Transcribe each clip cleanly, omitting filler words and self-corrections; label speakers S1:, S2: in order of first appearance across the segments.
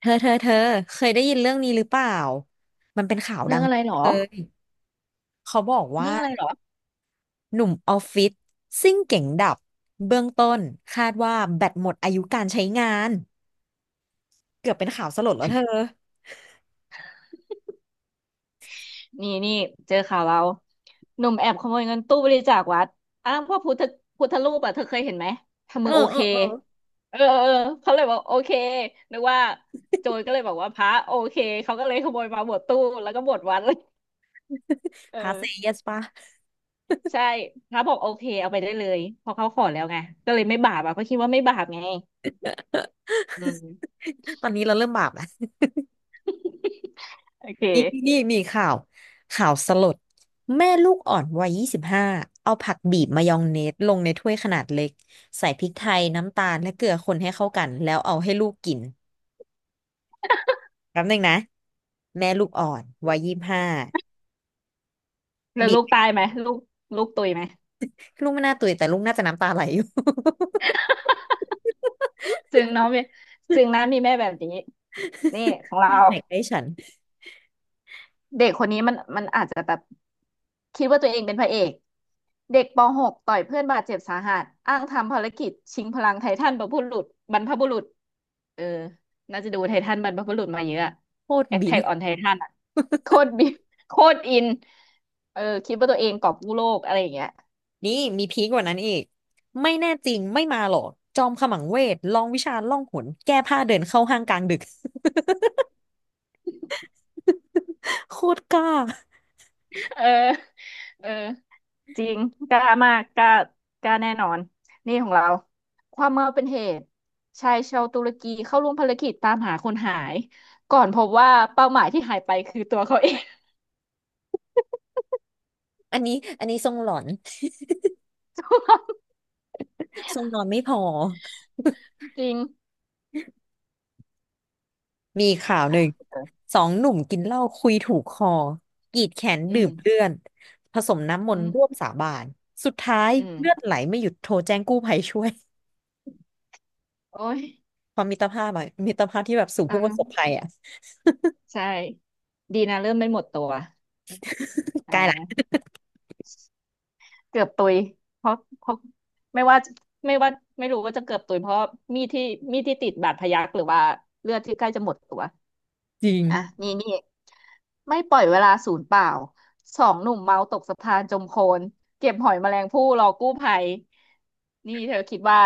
S1: เธอ เธอ เธอ เคยได้ยินเรื่องนี้หรือเปล่า มันเป็นข่าวดั
S2: เรื่อง
S1: ง
S2: อะไรหรอ
S1: เลยเขาบอก
S2: เรื่
S1: ว่า
S2: องอะไรหรอ
S1: หนุ่มออฟฟิศซิ่งเก๋งดับเบื้องต้นคาดว่าแบตหมดอายุการใช้งานเกือบเป็นข่าวสลดแล้วเธอ
S2: นี่นี่เจอข่าวเราหนุ่มแอบขโมยเงินตู้บริจาควัดอ้างพวกพุทธรูปอ่ะเธอเคยเห็นไหมทำ
S1: เอ
S2: มื
S1: อ
S2: อโอ
S1: เอ
S2: เค
S1: อเออ
S2: เออเออเออเขาเลยบอกโอเคนึกว่าโจรก็เลยบอกว่าพระโอเคเขาก็เลยขโมยมาหมดตู้แล้วก็หมดวัด เลยเอ
S1: พาเซเย
S2: อ
S1: สปะ
S2: ใช่พระบอกโอเคเอาไปได้เลยเพอเขาขอแล้วไงก็เลยไม่บาปอ่ะเขาคิดว่าไม่บาปไงอืม
S1: ตอนนี้เราเริ่มบาปนะ
S2: โอเค
S1: นี่นี่มีข่าวข่าวสลดแม่ลูกอ่อนวัย 25 เอาผักบีบมายองเนสลงในถ้วยขนาดเล็กใส่พริกไทยน้ำตาลและเกลือคนให้เข้ากันแล้วเอาให้ลูกกิน แป๊บนึงนะแม่ลูกอ่อนวัยยี่สิบห้า
S2: แล้ว
S1: บี
S2: ลู
S1: บ
S2: กตายไหมลูกลูกตุยไหม
S1: ลูกไม่น่าตื่นแต่ลูกน่าจะน้ำตาไหลอยู่
S2: จึงเนาะมีจึงนะมีแม่แบบนี้นี่ของ เรา
S1: แม่แหกให้ฉัน
S2: เด็กคนนี้มันอาจจะแบบคิดว่าตัวเองเป็นพระเอกเด็กป .6 ต่อยเพื่อนบาดเจ็บสาหัสอ้างทำภารกิจชิงพลังไททันบรรพบุรุษบรรพบุรุษเออน่าจะดูไททันบรรพบุรุษมาเยอะอะ
S1: โคตรบี
S2: Attack
S1: บ
S2: on Titan อะโคตรบิบโคตรอินเออคิดว่าตัวเองกอบกู้โลกอะไรอย่างเงี้ย
S1: นี่มีพีคกว่านั้นอีกไม่แน่จริงไม่มาหรอกจอมขมังเวทลองวิชาล่องหนแก้ผ้าเดินเข้าห้างกลางดึก โคตรกล้า
S2: เออเออ จริงกล้ามากกล้ากล้าแน่นอนนี่ของเราความเมาเป็นเหตุชายชาวตุรกีเข้าร่วมภารกิจตามหาคนหายก่อนพบว่าเป้าหมายที่หายไปคือตัวเขาเอง
S1: อันนี้อันนี้ทรงหลอนทรงนอนไม่พอ
S2: จริง
S1: มีข่าวห
S2: อ่ะ
S1: นึ่ง
S2: เออ
S1: สองหนุ่มกินเหล้าคุยถูกคอกรีดแขน
S2: อื
S1: ดื่
S2: ม
S1: มเลือดผสมน้ำม
S2: อื
S1: นต์
S2: ม
S1: ร่วมสาบานสุดท้าย
S2: อืม
S1: เลือดไหลไม่หยุดโทรแจ้งกู้ภัยช่วย
S2: โอ้ย
S1: ความมิตรภาพอะมิตรภาพที่แบบสู่ผู้ประสบ
S2: อ่า
S1: ภัยอะ
S2: ใช่ดีนะเริ่มไม่หมดตัว
S1: ใกล้
S2: อ่า
S1: ละ
S2: เกือบตุยเพราะไม่ว่าไม่ว่าไม่รู้ว่าจะเกือบตุยเพราะมีดที่มีดที่ติดบาดพยักหรือว่าเลือดที่ใกล้จะหมดตัว
S1: จริง
S2: อ่ะนี่นี่ไม่ปล่อยเวลาศูนย์เปล่าสองหนุ่มเมาตกสะพานจมโคลนเก็บหอยแมลงภู่รอกู้ภัยนี่เธอคิดว่า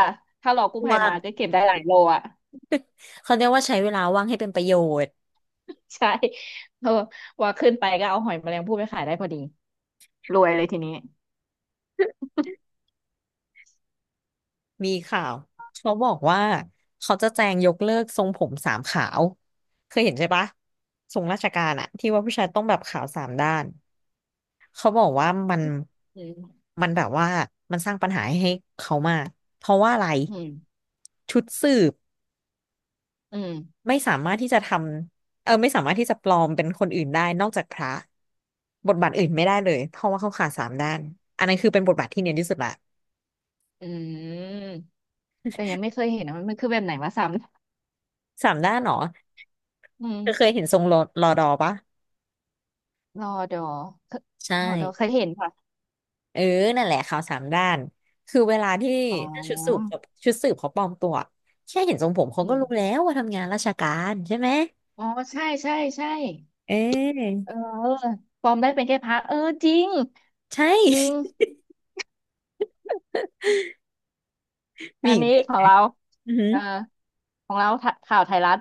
S2: ถ้ารอกู้ภัย
S1: ว่าง
S2: มาจะเก็บได้หลายโลอ่ะ
S1: เขาเรียกว่าใช้เวลาว่างให้เป็นประโยชน์
S2: ใช่เออว่าขึ้นไปก็เอาหอยแมลงภู่ไปขายได้พอดีรวยเลยทีนี้
S1: มีข่าวเขาบอกว่าเขาจะแจงยกเลิกทรงผมสามขาวเคยเห็นใช่ปะทรงราชการอะที่ว่าผู้ชายต้องแบบขาวสามด้าน เขาบอกว่ามัน
S2: อืม
S1: มันแบบว่ามันสร้างปัญหาให้เขามากเพราะว่าอะไร
S2: อืม
S1: ชุดสืบ
S2: อืม
S1: ไม่สามารถที่จะทำไม่สามารถที่จะปลอมเป็นคนอื่นได้นอกจากพระบทบาทอื่นไม่ได้เลยเพราะว่าเขาขาดสามด้านอันนั้นคือเป็นบทบาทที่เนียนที่สุดละ
S2: อืมแต่ยังไม่เคยเห็นนะมันคือแบบไหนวะซ้
S1: สามด้านเหรอ
S2: ำอืม
S1: เธอเคยเห็นทรงรอรอดอปะ
S2: รอดอเค
S1: ใช่
S2: รอดอเคยเห็นค่ะ
S1: เออนั่นแหละเขาวสามด้านคือเวลาที่
S2: อ๋
S1: ถ้าชุดสืบ
S2: อ
S1: ชุดสืบเขาปลอมตัวแค่เห็นทรงผมเขา
S2: อื
S1: ก็
S2: ม
S1: รู้แล้วว่าทำงานราชการใช่ไหม
S2: อ๋อใช่ใช่ใช่
S1: เ
S2: เออ
S1: ออ
S2: ปลอมได้เป็นแค่พระเออจริง
S1: ใช่
S2: จริง
S1: มี
S2: อัน
S1: อีก
S2: นี้
S1: ไหม
S2: ของเรา
S1: อือหือ
S2: เออของเราข่าวไทยรัฐ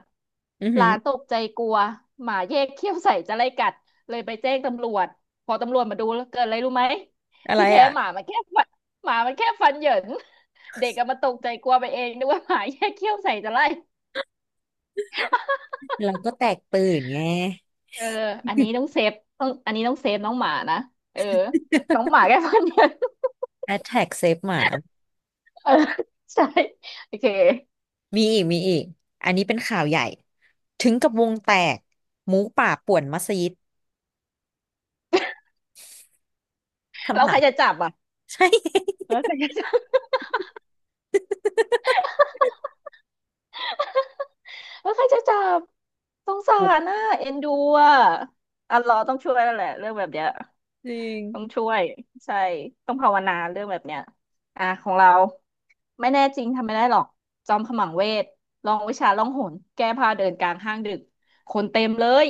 S1: อือ
S2: ห
S1: หื
S2: ลา
S1: อ
S2: นตกใจกลัวหมาแยกเขี้ยวใส่จะไล่กัดเลยไปแจ้งตำรวจพอตำรวจมาดูแล้วเกิดอะไรรู้ไหม
S1: อะไร
S2: ที่แท้
S1: อ่ะ
S2: หมามันแค่ฟันหมามันแค่ฟันเหยิน เด็กก็มาตกใจกลัวไปเองนึกว่าหมาแยกเขี้ยวใส่จะไล่
S1: เราก็แตกตื่นไง
S2: เอออันนี้ต้องเซฟต้องอันนี้ต้องเซฟน้องหมานะเออน้องหมาแค่ฟันเหยิน
S1: Attack Save หมา
S2: เออใช่โอเค
S1: มีอีกมีอีก อันนี้เป็นข่าวใหญ่ ถึงกับวงแตก หมูป่าป่วนมัสยิด
S2: แล้
S1: คำ
S2: ว
S1: ถา
S2: ใคร
S1: ม
S2: จะจับอ่ะ
S1: ใช่
S2: แล้วใครจะจับแล้วใครจะจับสงสารน่ะ เอ็นดูอ่ะอัลเลอฮ์ต้องช่วยแล้วแหละเรื่องแบบเนี้ย
S1: จริง
S2: ต้องช่วยใช่ต้องภาวนาเรื่องแบบเนี้ยอ่ะของเราไม่แน่จริงทำไม่ได้หรอกจอมขมังเวทลองวิชาล่องหนแก้ผ้าเดินกลางห้างดึกคนเต็มเลย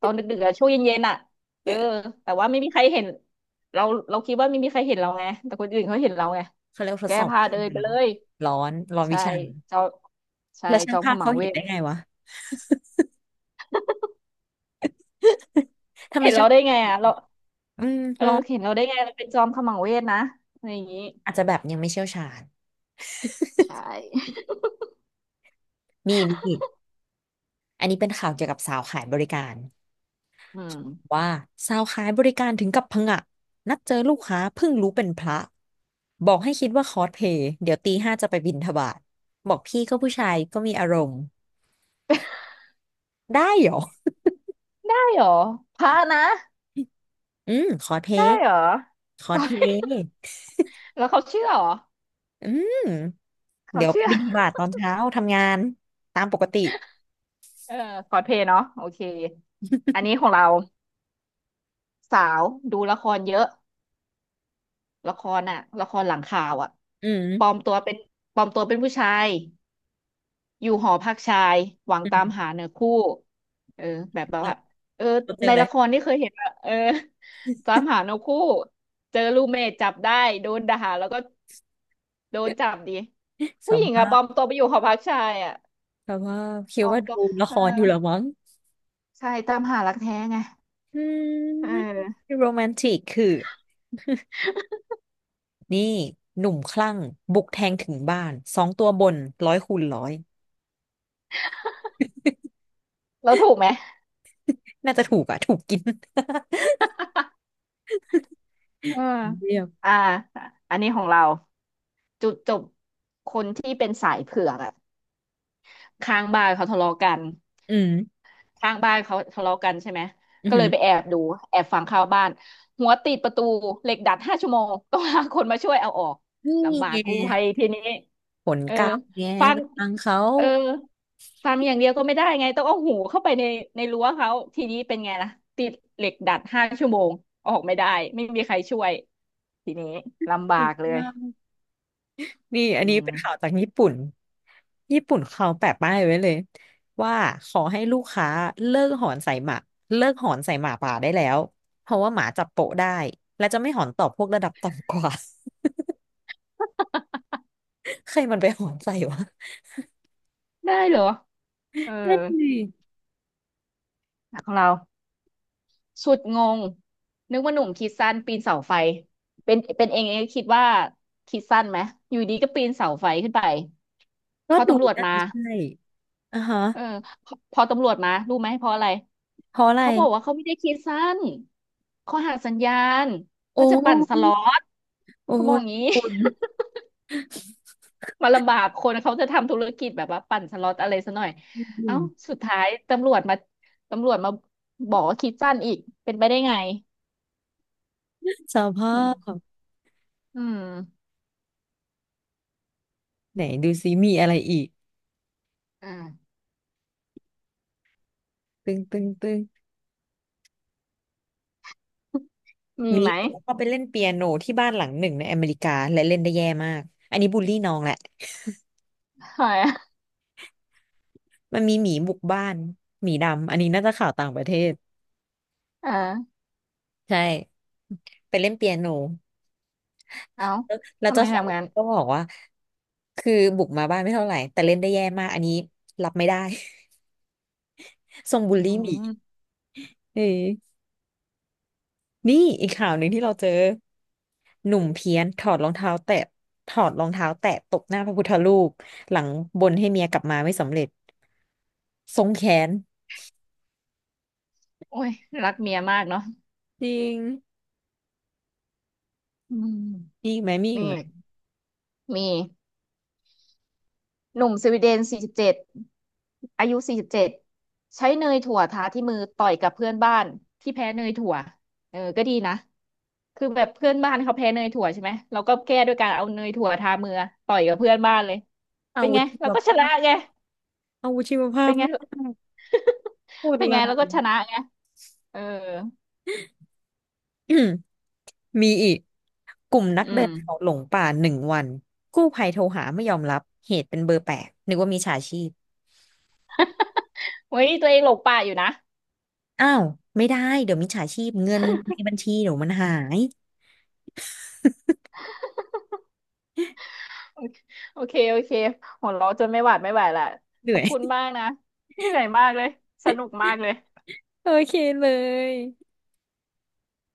S2: ตอนดึกๆอะช่วงเย็นๆอ่ะเออแต่ว่าไม่มีใครเห็นเราเราคิดว่าไม่มีใครเห็นเราไงแต่คนอื่นเขาเห็นเราไง
S1: เขาเรียกว่าทด
S2: แก้
S1: สอบ
S2: ผ้า
S1: วิชา
S2: เดินไปเลย
S1: ร้อน ร้อนวิ
S2: ใช่
S1: ชา
S2: จอมใช่
S1: แล้ว
S2: จ
S1: ช่าง
S2: อม
S1: ภา
S2: ข
S1: พ
S2: มั
S1: เขา
S2: งเว
S1: เห็น
S2: ท
S1: ได้ไงวะ ทำไม
S2: เห็น
S1: ช่า
S2: เรา
S1: ง
S2: ได้
S1: ภา
S2: ไง
S1: พเห
S2: อ่ะ
S1: ็
S2: เรา
S1: นอืม
S2: เออ
S1: ร้อน
S2: เห็นเราได้ไงเราเป็นจอมขมังเวทนะอะไรอย่างนี้
S1: อาจจะแบบยังไม่เชี่ยวชาญ
S2: ใช่
S1: มีอีกอันนี้เป็นข่าวเกี่ยวกับสาวขายบริการ
S2: อืม
S1: ว่าสาวขายบริการถึงกับผงะนัดเจอลูกค้าเพิ่งรู้เป็นพระบอกให้คิดว่าคอสเพลย์เดี๋ยวตีห้าจะไปบิณฑบาตบอกพี่ก็ผู้ชายก็มีอารมณ์ได้เหรอ
S2: ได้เหรอพระนะ
S1: อืมคอสเพล
S2: ได้
S1: ย์
S2: เหรอ
S1: คอสเพลย ์
S2: แล้วเขาเชื่อเหรอ
S1: อืม
S2: เขา
S1: เดี๋ยวไป
S2: เชื่อ
S1: บิณฑบาตตอนเช้าทำงานตามปกติ
S2: เออคอสเพลย์เนาะโอเคอันนี้ของเราสาวดูละครเยอะละครอ่ะละครหลังข่าวอ่ะ
S1: อื
S2: ปลอ
S1: ม
S2: มตัวเป็นปลอมตัวเป็นผู้ชาย อยู่หอพักชายหวัง
S1: อื
S2: ตาม
S1: ม
S2: หาเนื้อคู่เออแบบแบบ
S1: เรา
S2: ว่าเออ
S1: เราเจอ
S2: ใน
S1: เลย
S2: ละครที่เคยเห็นอะเออ ตามหาเนื้อคู่เจอรูเมทจับได้โดนด่าแล้วก็โดนจับดี
S1: ส
S2: ผู้หญิง
S1: ภา
S2: อะปลอม
S1: พ
S2: ตัวไปอยู่หอพักชายอะ
S1: สภาพคิ
S2: ป
S1: ด
S2: ลอม
S1: ว่าดู
S2: ตัว
S1: ละค
S2: เออ
S1: รอยู่เหรอมั้ง
S2: ใช่ตามหารักแท้ไง
S1: อื
S2: เ
S1: ม
S2: ออ
S1: โรแมนติกคือ นี่หนุ่มคลั่งบุกแทงถึงบ้านสองตัวบนร้อยคูณร้อย
S2: เราถูกไหม
S1: น่าจะถูกอะถูกกิน
S2: เออ
S1: เรียบ
S2: อ่าอันนี้ของเราจุดจบคนที่เป็นสายเผือกอะข้างบ้านเขาทะเลาะกัน
S1: อืม
S2: ข้างบ้านเขาทะเลาะกันใช่ไหม
S1: อื
S2: ก็เลยไป
S1: ม
S2: แอบดูแอบฟังข่าวบ้านหัวติดประตูเหล็กดัดห้าชั่วโมงต้องหาคนมาช่วยเอาออก
S1: นี่
S2: ลำบา
S1: ไ
S2: กกู้ภัย
S1: ง
S2: ทีนี้
S1: ผล
S2: เออ
S1: กรรมไง
S2: ฟั
S1: ไป
S2: ง
S1: ฟังเขา
S2: เออฟังอย่างเดียวก็ไม่ได้ไงต้องเอาหูเข้าไปในในรั้วเขาทีนี้เป็นไงล่ะติดเหล็กดัดห้าชั่วโมงออกไม่ได้ไม่มีใครช่วยทีนี้ลำบา
S1: สุด
S2: กเลย
S1: มานี่อั
S2: อื
S1: นนี้
S2: ม
S1: เป็นข่าวจากญี่ปุ่นญี่ปุ่นเขาแปะป้ายไว้เลยว่าขอให้ลูกค้าเลิกหอนใส่หมาเลิกหอนใส่หมาป่าได้แล้วเพราะว่าหมาจับโปะได้และจะไม่หอนตอบพวกระดับต่ำกว่า ใครมันไปหอนใส่วะ
S2: ได้เหรอเออ
S1: นั่นดิ
S2: ของเรา สุดงงนึกว่าหนุ่มคิดสั้นปีนเสาไฟเป็นเองคิดว่าคิดสั้นไหมอยู่ดีก็ปีนเสาไฟขึ้นไป
S1: ก็
S2: พอ
S1: ดู
S2: ตำรวจ
S1: น่า
S2: มา
S1: จะใช่ อ่าฮะ
S2: เออพอตำรวจมารู้ไหมเพราะอะไร
S1: เพราะอะไร
S2: เขาบอกว่าเขาไม่ได้คิดสั้นเขาหักสัญญาณ
S1: โอ
S2: เขาจะปั่นส
S1: ้
S2: ล็อต
S1: โอ้
S2: เขาบอก
S1: ย
S2: อย่างนี้
S1: คุณ
S2: มาลำบากคนเขาจะทำธุรกิจแบบว่าปั่นสล็อตอะไรซะหน่อย
S1: อื
S2: เอ้า
S1: ม
S2: สุดท้ายตำรวจมาตำรวจมาบอกว่าคิดสั้นอีกเป็นไปได้ไง
S1: สภา
S2: อืม
S1: พ
S2: อืม
S1: ไหนดูซิมีอะไรอีก
S2: อ่า
S1: ตึงตึงตึง
S2: มี
S1: นี้
S2: ไหม
S1: ผมก็ไปเล่นเปียโนที่บ้านหลังหนึ่งในอเมริกาและเล่นได้แย่มากอันนี้บูลลี่น้องแหละ
S2: หอยอะ
S1: มันมีหมีบุกบ้านหมีดำอันนี้น่าจะข่าวต่างประเทศ
S2: อ่า
S1: ใช่ไปเล่นเปียโน
S2: เอา
S1: แล้ว
S2: ทำไม
S1: เจ้าของ
S2: ทำงาน
S1: ก็บอกว่าคือบุกมาบ้านไม่เท่าไหร่แต่เล่นได้แย่มากอันนี้รับไม่ได้ ทรงบู
S2: อื
S1: ลลี่หมี
S2: ม
S1: เออ นี่อีกข่าวหนึ่งที่เราเจอหนุ่มเพี้ยนถอดรองเท้าแตะถอดรองเท้าแตะตบหน้าพระพุทธรูปหลังบนให้เมียกลับมาไม่สำเร็จทรงแขน
S2: โอ้ยรักเมียมากเนาะ
S1: จริง
S2: อืม
S1: มีอีกไหมมีอีก
S2: นี่
S1: ไหม
S2: มีหนุ่มสวีเดนสี่สิบเจ็ดอายุสี่สิบเจ็ดใช้เนยถั่วทาที่มือต่อยกับเพื่อนบ้านที่แพ้เนยถั่วเออก็ดีนะคือแบบเพื่อนบ้านเขาแพ้เนยถั่วใช่ไหมเราก็แก้ด้วยการเอาเนยถั่วทามือต่อยกับเพื่อนบ้านเลย
S1: อา
S2: เป็น
S1: วุ
S2: ไง
S1: ธชี
S2: เรา
S1: ว
S2: ก็ช
S1: ภา
S2: นะ
S1: พ
S2: ไง
S1: อาวุธชีวภา
S2: เป็
S1: พ
S2: นไง
S1: มากโคตร
S2: เป็นไง
S1: ลา
S2: เราก็
S1: ย
S2: ชนะไงเออ
S1: อืมมีอีกกลุ่มนัก
S2: อื
S1: เดิ
S2: ม
S1: นเขาหลงป่าหนึ่งวันกู้ภัยโทรหาไม่ยอมรับเหตุเป็นเบอร์แปลกนึกว่ามีฉาชีพ
S2: เฮ้ยตัวเองหลงป่าอยู่นะ
S1: อ้าวไม่ได้เดี๋ยวมิจฉาชีพเงินในบัญชีเดี๋ยวมันหาย
S2: โอเคโอเคโอเคหัวเราะจนไม่หวาดไม่ไหวละ
S1: เห
S2: ข
S1: นื่
S2: อ
S1: อ
S2: บคุณ
S1: ย
S2: มากนะเหนื่อยมากเลย สนุกมากเลย
S1: โอเคเลย